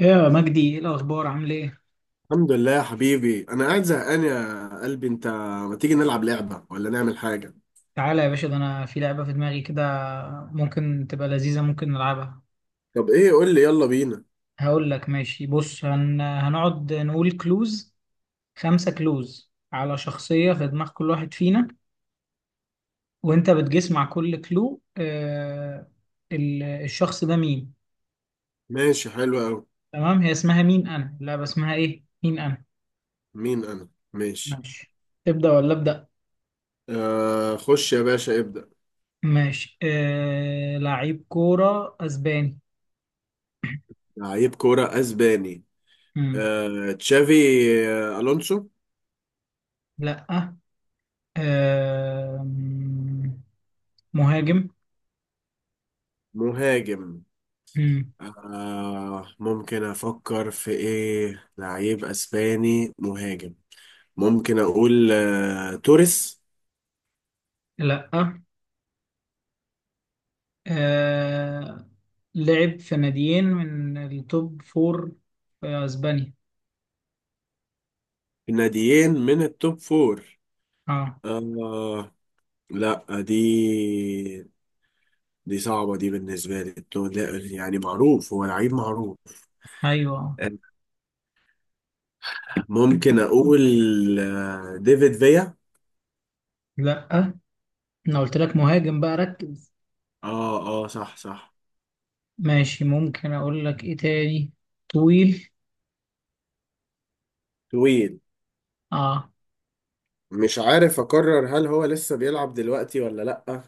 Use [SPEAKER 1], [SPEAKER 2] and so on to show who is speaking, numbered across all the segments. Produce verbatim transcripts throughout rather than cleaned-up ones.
[SPEAKER 1] ايه يا مجدي؟ ايه الاخبار؟ عامل ايه؟
[SPEAKER 2] الحمد لله يا حبيبي، انا قاعد زهقان يا قلبي انت. ما تيجي نلعب لعبة ولا نعمل حاجة؟
[SPEAKER 1] تعالى يا باشا، ده انا في لعبه في دماغي كده، ممكن تبقى لذيذه، ممكن نلعبها.
[SPEAKER 2] طب ايه، قول لي يلا بينا.
[SPEAKER 1] هقول لك. ماشي، بص، هن... هنقعد نقول كلوز. خمسه كلوز على شخصيه في دماغ كل واحد فينا، وانت بتجس مع كل كلو آه... ال... الشخص ده مين.
[SPEAKER 2] ماشي، حلو قوي.
[SPEAKER 1] تمام، هي اسمها مين انا، اللعبه اسمها ايه؟ مين انا.
[SPEAKER 2] مين انا، ماشي.
[SPEAKER 1] ماشي. تبدا ولا ابدا؟
[SPEAKER 2] آه، خش يا باشا، ابدأ.
[SPEAKER 1] ماشي، آه... لعيب كوره اسباني.
[SPEAKER 2] لعيب كورة اسباني.
[SPEAKER 1] مم.
[SPEAKER 2] آه تشافي. آه، الونسو.
[SPEAKER 1] لا. آم، مهاجم.
[SPEAKER 2] مهاجم.
[SPEAKER 1] مم.
[SPEAKER 2] آه ممكن افكر في ايه، لعيب اسباني مهاجم. ممكن اقول آه توريس.
[SPEAKER 1] لا. آه، لعب في ناديين من التوب فور في اسبانيا.
[SPEAKER 2] في ناديين من التوب فور.
[SPEAKER 1] اه.
[SPEAKER 2] آه لا. دي دي صعبة، دي بالنسبة لي تو- لا، يعني معروف، هو لعيب معروف.
[SPEAKER 1] ايوه.
[SPEAKER 2] ممكن أقول آه، ديفيد فيا.
[SPEAKER 1] لا، انا قلت لك مهاجم بقى، ركز.
[SPEAKER 2] اه اه، صح صح.
[SPEAKER 1] ماشي، ممكن اقول لك ايه تاني. طويل.
[SPEAKER 2] طويل.
[SPEAKER 1] اه.
[SPEAKER 2] مش عارف أقرر، هل هو لسه بيلعب دلوقتي ولا لأ،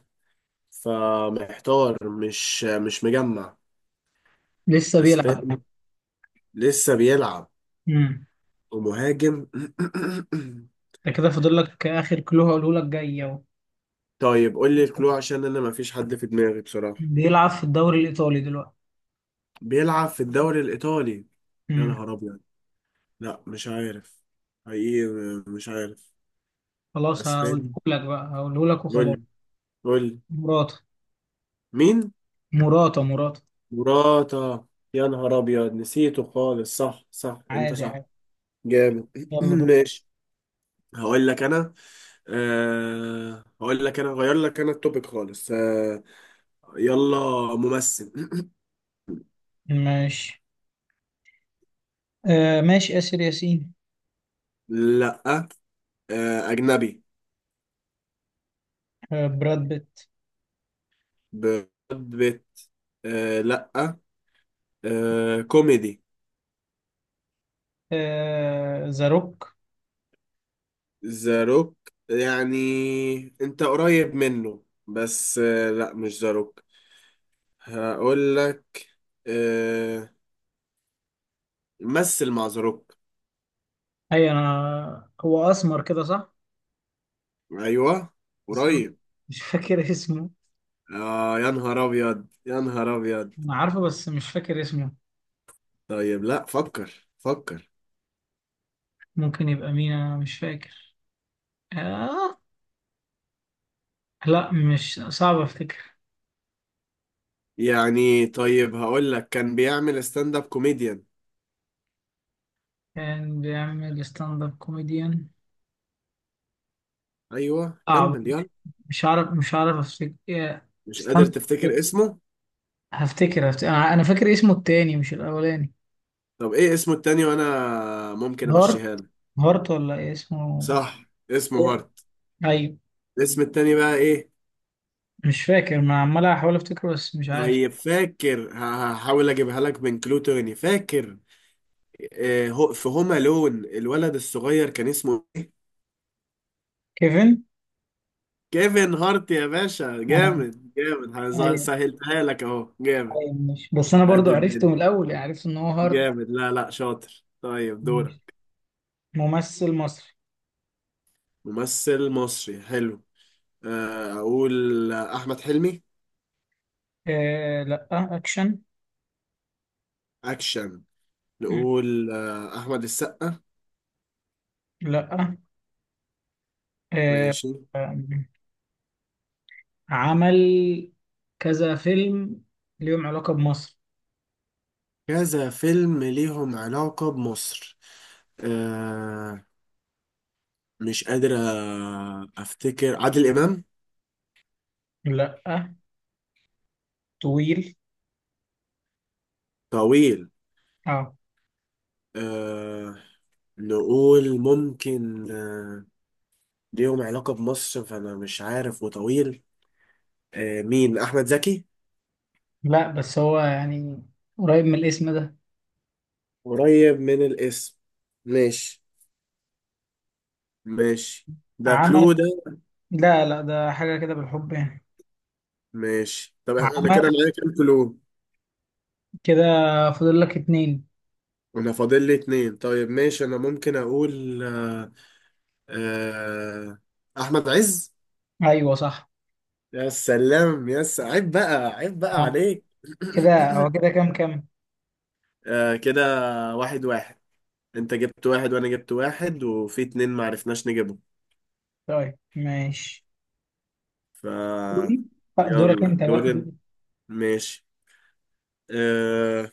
[SPEAKER 2] فمحتار مش مش مجمع.
[SPEAKER 1] لسه بيلعب.
[SPEAKER 2] أسباني، لسه بيلعب،
[SPEAKER 1] امم
[SPEAKER 2] ومهاجم.
[SPEAKER 1] ده كده فاضل لك اخر كلو هقوله لك، جاي اهو.
[SPEAKER 2] طيب قول لي الكلو، عشان أنا مفيش حد في دماغي بصراحة.
[SPEAKER 1] بيلعب في الدوري الايطالي دلوقتي.
[SPEAKER 2] بيلعب في الدوري الإيطالي. يا
[SPEAKER 1] امم
[SPEAKER 2] نهار أبيض، لا مش عارف، حقيقي مش عارف.
[SPEAKER 1] خلاص، هقوله
[SPEAKER 2] اسباني.
[SPEAKER 1] لك بقى، هقوله لك وخلاص.
[SPEAKER 2] قول قول.
[SPEAKER 1] مراته.
[SPEAKER 2] مين؟
[SPEAKER 1] مراته مراته.
[SPEAKER 2] مراتا. يا نهار ابيض، نسيته خالص، صح صح انت
[SPEAKER 1] عادي
[SPEAKER 2] صح.
[SPEAKER 1] عادي.
[SPEAKER 2] جامد.
[SPEAKER 1] يلا دور.
[SPEAKER 2] ماشي. هقول لك انا. أه هقول لك انا، غير لك انا التوبيك خالص أه يلا. ممثل.
[SPEAKER 1] ماشي، آه ماشي، آسر ياسين.
[SPEAKER 2] لا. أه اجنبي.
[SPEAKER 1] آه براد بيت.
[SPEAKER 2] ب- بت. أه لا. أه كوميدي.
[SPEAKER 1] آه ذا روك.
[SPEAKER 2] ذا روك. يعني انت قريب منه، بس آه، لا، مش ذا روك. هقول لك آه، مثل مع ذا روك.
[SPEAKER 1] اي، انا هو اسمر كده، صح؟
[SPEAKER 2] ايوه
[SPEAKER 1] بس انا
[SPEAKER 2] قريب.
[SPEAKER 1] مش فاكر اسمه.
[SPEAKER 2] اه، يا نهار ابيض يا نهار ابيض.
[SPEAKER 1] انا عارفه بس مش فاكر اسمه.
[SPEAKER 2] طيب لا، فكر فكر.
[SPEAKER 1] ممكن يبقى مين انا؟ مش فاكر. آه لا، مش صعب افتكر.
[SPEAKER 2] يعني طيب، هقول لك كان بيعمل ستاند اب كوميديان.
[SPEAKER 1] كان بيعمل ستاند اب كوميديان.
[SPEAKER 2] ايوه
[SPEAKER 1] صعب.
[SPEAKER 2] كمل يلا.
[SPEAKER 1] مش عارف مش عارف افتكر. آه،
[SPEAKER 2] مش
[SPEAKER 1] استنى
[SPEAKER 2] قادر
[SPEAKER 1] هفتكر.
[SPEAKER 2] تفتكر اسمه.
[SPEAKER 1] هفتكر هفتكر. انا أنا فاكر اسمه التاني مش الاولاني.
[SPEAKER 2] طب ايه اسمه التاني، وانا ممكن
[SPEAKER 1] هارت.
[SPEAKER 2] امشيها لك.
[SPEAKER 1] هارت ولا إيه اسمه؟
[SPEAKER 2] صح، اسمه هارت.
[SPEAKER 1] ايوه.
[SPEAKER 2] الاسم التاني بقى ايه؟
[SPEAKER 1] مش فاكر، ما عمال احاول افتكره بس مش عارف.
[SPEAKER 2] طيب فاكر، ه- هحاول اجيبها لك من كلو تاني، فاكر آه، هو- في هوم لون الولد الصغير كان اسمه.
[SPEAKER 1] كيفن.
[SPEAKER 2] كيفن هارت يا باشا،
[SPEAKER 1] آه،
[SPEAKER 2] جامد جامد، هز-
[SPEAKER 1] ايوه.
[SPEAKER 2] سهلتها لك اهو، جامد.
[SPEAKER 1] ايوه، مش بس انا
[SPEAKER 2] قد
[SPEAKER 1] برضو عرفته من
[SPEAKER 2] الدنيا،
[SPEAKER 1] الاول، يعني عرفت ان هو هارت.
[SPEAKER 2] جامد. لا لا، شاطر، طيب
[SPEAKER 1] ماشي.
[SPEAKER 2] دورك.
[SPEAKER 1] ممثل مصري.
[SPEAKER 2] ممثل مصري، حلو. آه، اقول احمد حلمي.
[SPEAKER 1] آه لا. اكشن.
[SPEAKER 2] اكشن.
[SPEAKER 1] مم.
[SPEAKER 2] نقول آه، احمد السقا.
[SPEAKER 1] لا. آه
[SPEAKER 2] ماشي.
[SPEAKER 1] آم، عمل كذا فيلم ليهم علاقة بمصر.
[SPEAKER 2] كذا فيلم ليهم علاقة بمصر. آه، مش قادر أ- افتكر، عادل امام.
[SPEAKER 1] لا. طويل.
[SPEAKER 2] طويل.
[SPEAKER 1] اه.
[SPEAKER 2] أه نقول ممكن أه ليهم علاقة بمصر، فانا مش عارف، وطويل. أه مين، احمد زكي.
[SPEAKER 1] لا، بس هو يعني قريب من الاسم ده.
[SPEAKER 2] قريب من الاسم. ماشي ماشي. ده كلو
[SPEAKER 1] عمل.
[SPEAKER 2] ده.
[SPEAKER 1] لا لا، ده حاجة كده بالحب يعني.
[SPEAKER 2] ماشي، طب انا
[SPEAKER 1] عمل
[SPEAKER 2] كده معايا كام كلو؟
[SPEAKER 1] كده. فاضل لك اتنين.
[SPEAKER 2] انا فاضل لي اتنين، طيب ماشي، انا ممكن اقول أه أه احمد عز.
[SPEAKER 1] ايوه صح.
[SPEAKER 2] يا سلام، يا س- عيب بقى، عيب بقى
[SPEAKER 1] آه.
[SPEAKER 2] عليك.
[SPEAKER 1] كده هو كده؟ كام كام.
[SPEAKER 2] آه كده، واحد واحد. انت جبت واحد، وانا جبت واحد، وفي اتنين معرفناش نجيبهم.
[SPEAKER 1] طيب ماشي.
[SPEAKER 2] ف،
[SPEAKER 1] دوري. آه، دورك
[SPEAKER 2] يلا
[SPEAKER 1] انت بقى.
[SPEAKER 2] دورين. ماشي آه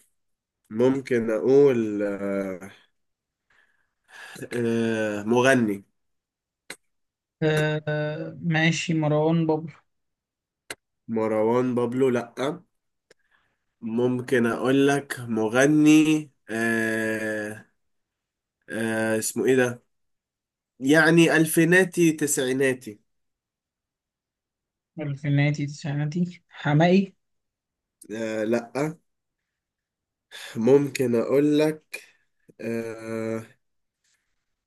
[SPEAKER 2] ممكن اقول آه آه مغني.
[SPEAKER 1] آه ماشي، مروان بابلو.
[SPEAKER 2] مروان بابلو، لأ. ممكن اقول لك، مغني آه آه اسمه ايه ده، يعني الفيناتي تسعيناتي.
[SPEAKER 1] الفيناتي تسعيناتي حمائي؟
[SPEAKER 2] آه لأ. ممكن اقول لك آه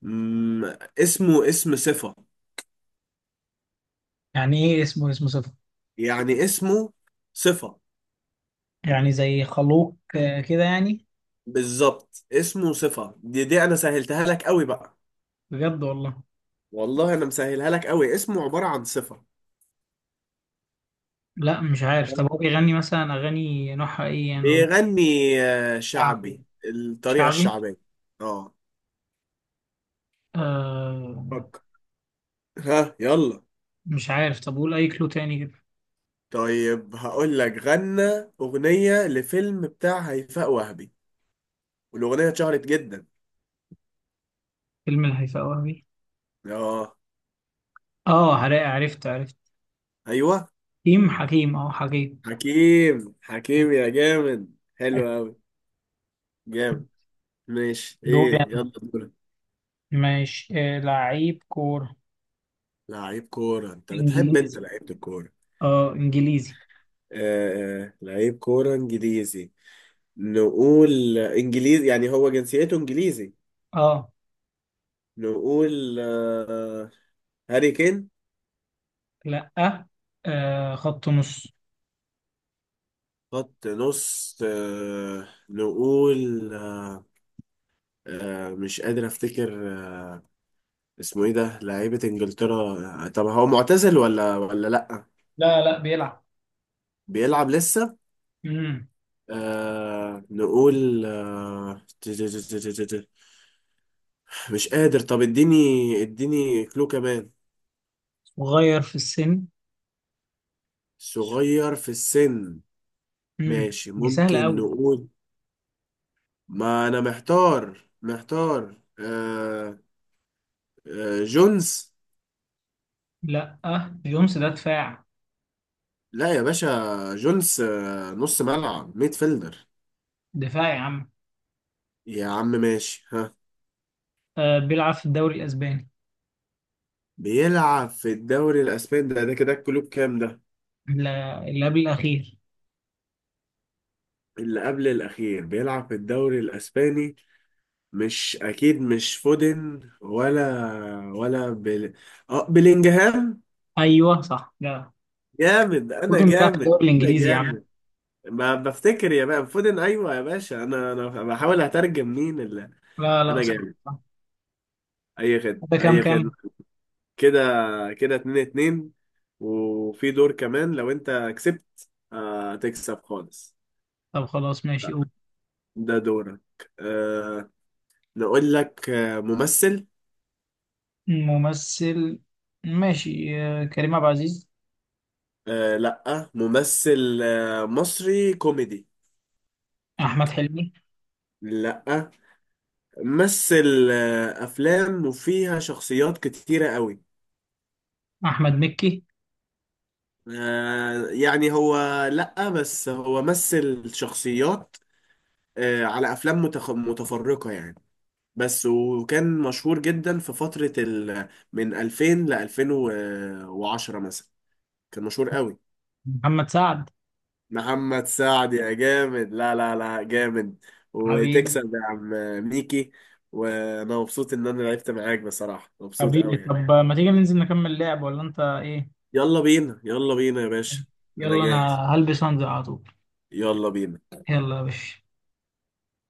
[SPEAKER 2] مم، اسمه اسم صفة.
[SPEAKER 1] يعني ايه اسمه اسمه صفر؟
[SPEAKER 2] يعني اسمه صفة.
[SPEAKER 1] يعني زي خلوق آه كده يعني.
[SPEAKER 2] بالظبط، اسمه صفة، دي دي انا سهلتها لك قوي بقى.
[SPEAKER 1] بجد والله.
[SPEAKER 2] والله انا مسهلها لك قوي، اسمه عبارة عن صفة.
[SPEAKER 1] لا، مش عارف.
[SPEAKER 2] تمام؟
[SPEAKER 1] طب هو بيغني مثلا اغاني نوعها ايه؟ يعني رومانسي.
[SPEAKER 2] بيغني آه،
[SPEAKER 1] شعبي.
[SPEAKER 2] شعبي، الطريقة
[SPEAKER 1] شعبي.
[SPEAKER 2] الشعبية. اه.
[SPEAKER 1] آه.
[SPEAKER 2] فكر، ها يلا.
[SPEAKER 1] مش عارف. طب قول اي كلو تاني كده.
[SPEAKER 2] طيب هقول لك، غنى أغنية لفيلم بتاع هيفاء وهبي، والأغنية اتشهرت جدا.
[SPEAKER 1] فيلم الهيفاء وهبي.
[SPEAKER 2] اه.
[SPEAKER 1] اه، عرفت عرفت عرفت.
[SPEAKER 2] ايوه
[SPEAKER 1] حكيم. حكيم، اه، حكيم.
[SPEAKER 2] حكيم، حكيم يا جامد، حلو قوي، جامد. ماشي
[SPEAKER 1] دوري
[SPEAKER 2] ايه،
[SPEAKER 1] أنا.
[SPEAKER 2] يلا دورك.
[SPEAKER 1] ماشي، آه لعيب كورة
[SPEAKER 2] لعيب كورة، انت بتحب انت
[SPEAKER 1] انجليزي.
[SPEAKER 2] لعيبة الكورة.
[SPEAKER 1] اه، انجليزي.
[SPEAKER 2] آه آه، لعيب كورة انجليزي. نقول آه، انجليزي، يعني هو جنسيته انجليزي.
[SPEAKER 1] اه.
[SPEAKER 2] نقول آه هاري كين.
[SPEAKER 1] لا. آه خط نص.
[SPEAKER 2] خط نص آه نقول آه آه مش قادر افتكر آه اسمه ايه ده، لعيبة انجلترا. آه، طب هو معتزل ولا ولا لأ؟
[SPEAKER 1] لا لا، بيلعب.
[SPEAKER 2] بيلعب لسه.
[SPEAKER 1] امم.
[SPEAKER 2] آه نقول آه مش قادر، طب اديني اديني كلو كمان.
[SPEAKER 1] صغير في السن.
[SPEAKER 2] صغير في السن.
[SPEAKER 1] امم.
[SPEAKER 2] ماشي
[SPEAKER 1] دي سهلة
[SPEAKER 2] ممكن
[SPEAKER 1] قوي.
[SPEAKER 2] نقول، ما انا محتار محتار آه آه جونز.
[SPEAKER 1] لا، جونس ده دفاع.
[SPEAKER 2] لا يا باشا، جونز آه نص ملعب، ميد فيلدر.
[SPEAKER 1] دفاع يا عم.
[SPEAKER 2] يا عم، ماشي ها.
[SPEAKER 1] آه بيلعب في الدوري الاسباني.
[SPEAKER 2] بيلعب في الدوري الاسباني، ده ده كده الكلوب كام ده؟
[SPEAKER 1] لا، اللي قبل الاخير.
[SPEAKER 2] اللي قبل الاخير، بيلعب في الدوري الاسباني. مش اكيد، مش فودن، ولا ولا بل... اه بلينجهام.
[SPEAKER 1] ايوه صح. لا.
[SPEAKER 2] جامد، انا
[SPEAKER 1] ودن بيلعب في
[SPEAKER 2] جامد.
[SPEAKER 1] الدوري
[SPEAKER 2] انا
[SPEAKER 1] الانجليزي يا عم.
[SPEAKER 2] جامد. ما بفتكر يا باشا، فودن، ايوه يا باشا، انا انا بحاول اترجم مين اللي.
[SPEAKER 1] لا لا.
[SPEAKER 2] انا
[SPEAKER 1] صح
[SPEAKER 2] جامد.
[SPEAKER 1] صح.
[SPEAKER 2] اي خدمه
[SPEAKER 1] ده كام
[SPEAKER 2] اي خدمه.
[SPEAKER 1] كام.
[SPEAKER 2] كده كده، اتنين اتنين. وفي دور كمان، لو انت كسبت آه تكسب خالص.
[SPEAKER 1] طب خلاص، ماشي، قول.
[SPEAKER 2] ده دورك. آه نقول لك آه ممثل.
[SPEAKER 1] ممثل. ماشي، آه كريم عبد العزيز.
[SPEAKER 2] آه لا، ممثل آه مصري كوميدي.
[SPEAKER 1] احمد حلمي.
[SPEAKER 2] لا. مثل آه افلام وفيها شخصيات كتيرة قوي.
[SPEAKER 1] احمد مكي.
[SPEAKER 2] آه، يعني هو، لأ، بس هو مثل شخصيات آه، على أفلام متخ- متفرقة يعني. بس وكان مشهور جدا في فترة ال من ألفين ل ألفين وعشرة مثلا، كان مشهور قوي.
[SPEAKER 1] محمد سعد.
[SPEAKER 2] محمد سعد، يا جامد، لا لا لا، جامد.
[SPEAKER 1] حبيبي.
[SPEAKER 2] وتكسب يا عم. ميكي. وأنا مبسوط إن أنا لعبت معاك بصراحة، مبسوط
[SPEAKER 1] حبيبي،
[SPEAKER 2] قوي يعني.
[SPEAKER 1] طب ما تيجي ننزل نكمل لعب ولا انت ايه؟
[SPEAKER 2] يلا بينا يلا بينا يا باشا. أنا
[SPEAKER 1] يلا انا.
[SPEAKER 2] جاهز.
[SPEAKER 1] هلبس وانزل على طول.
[SPEAKER 2] يلا بينا.
[SPEAKER 1] يلا يا باشا.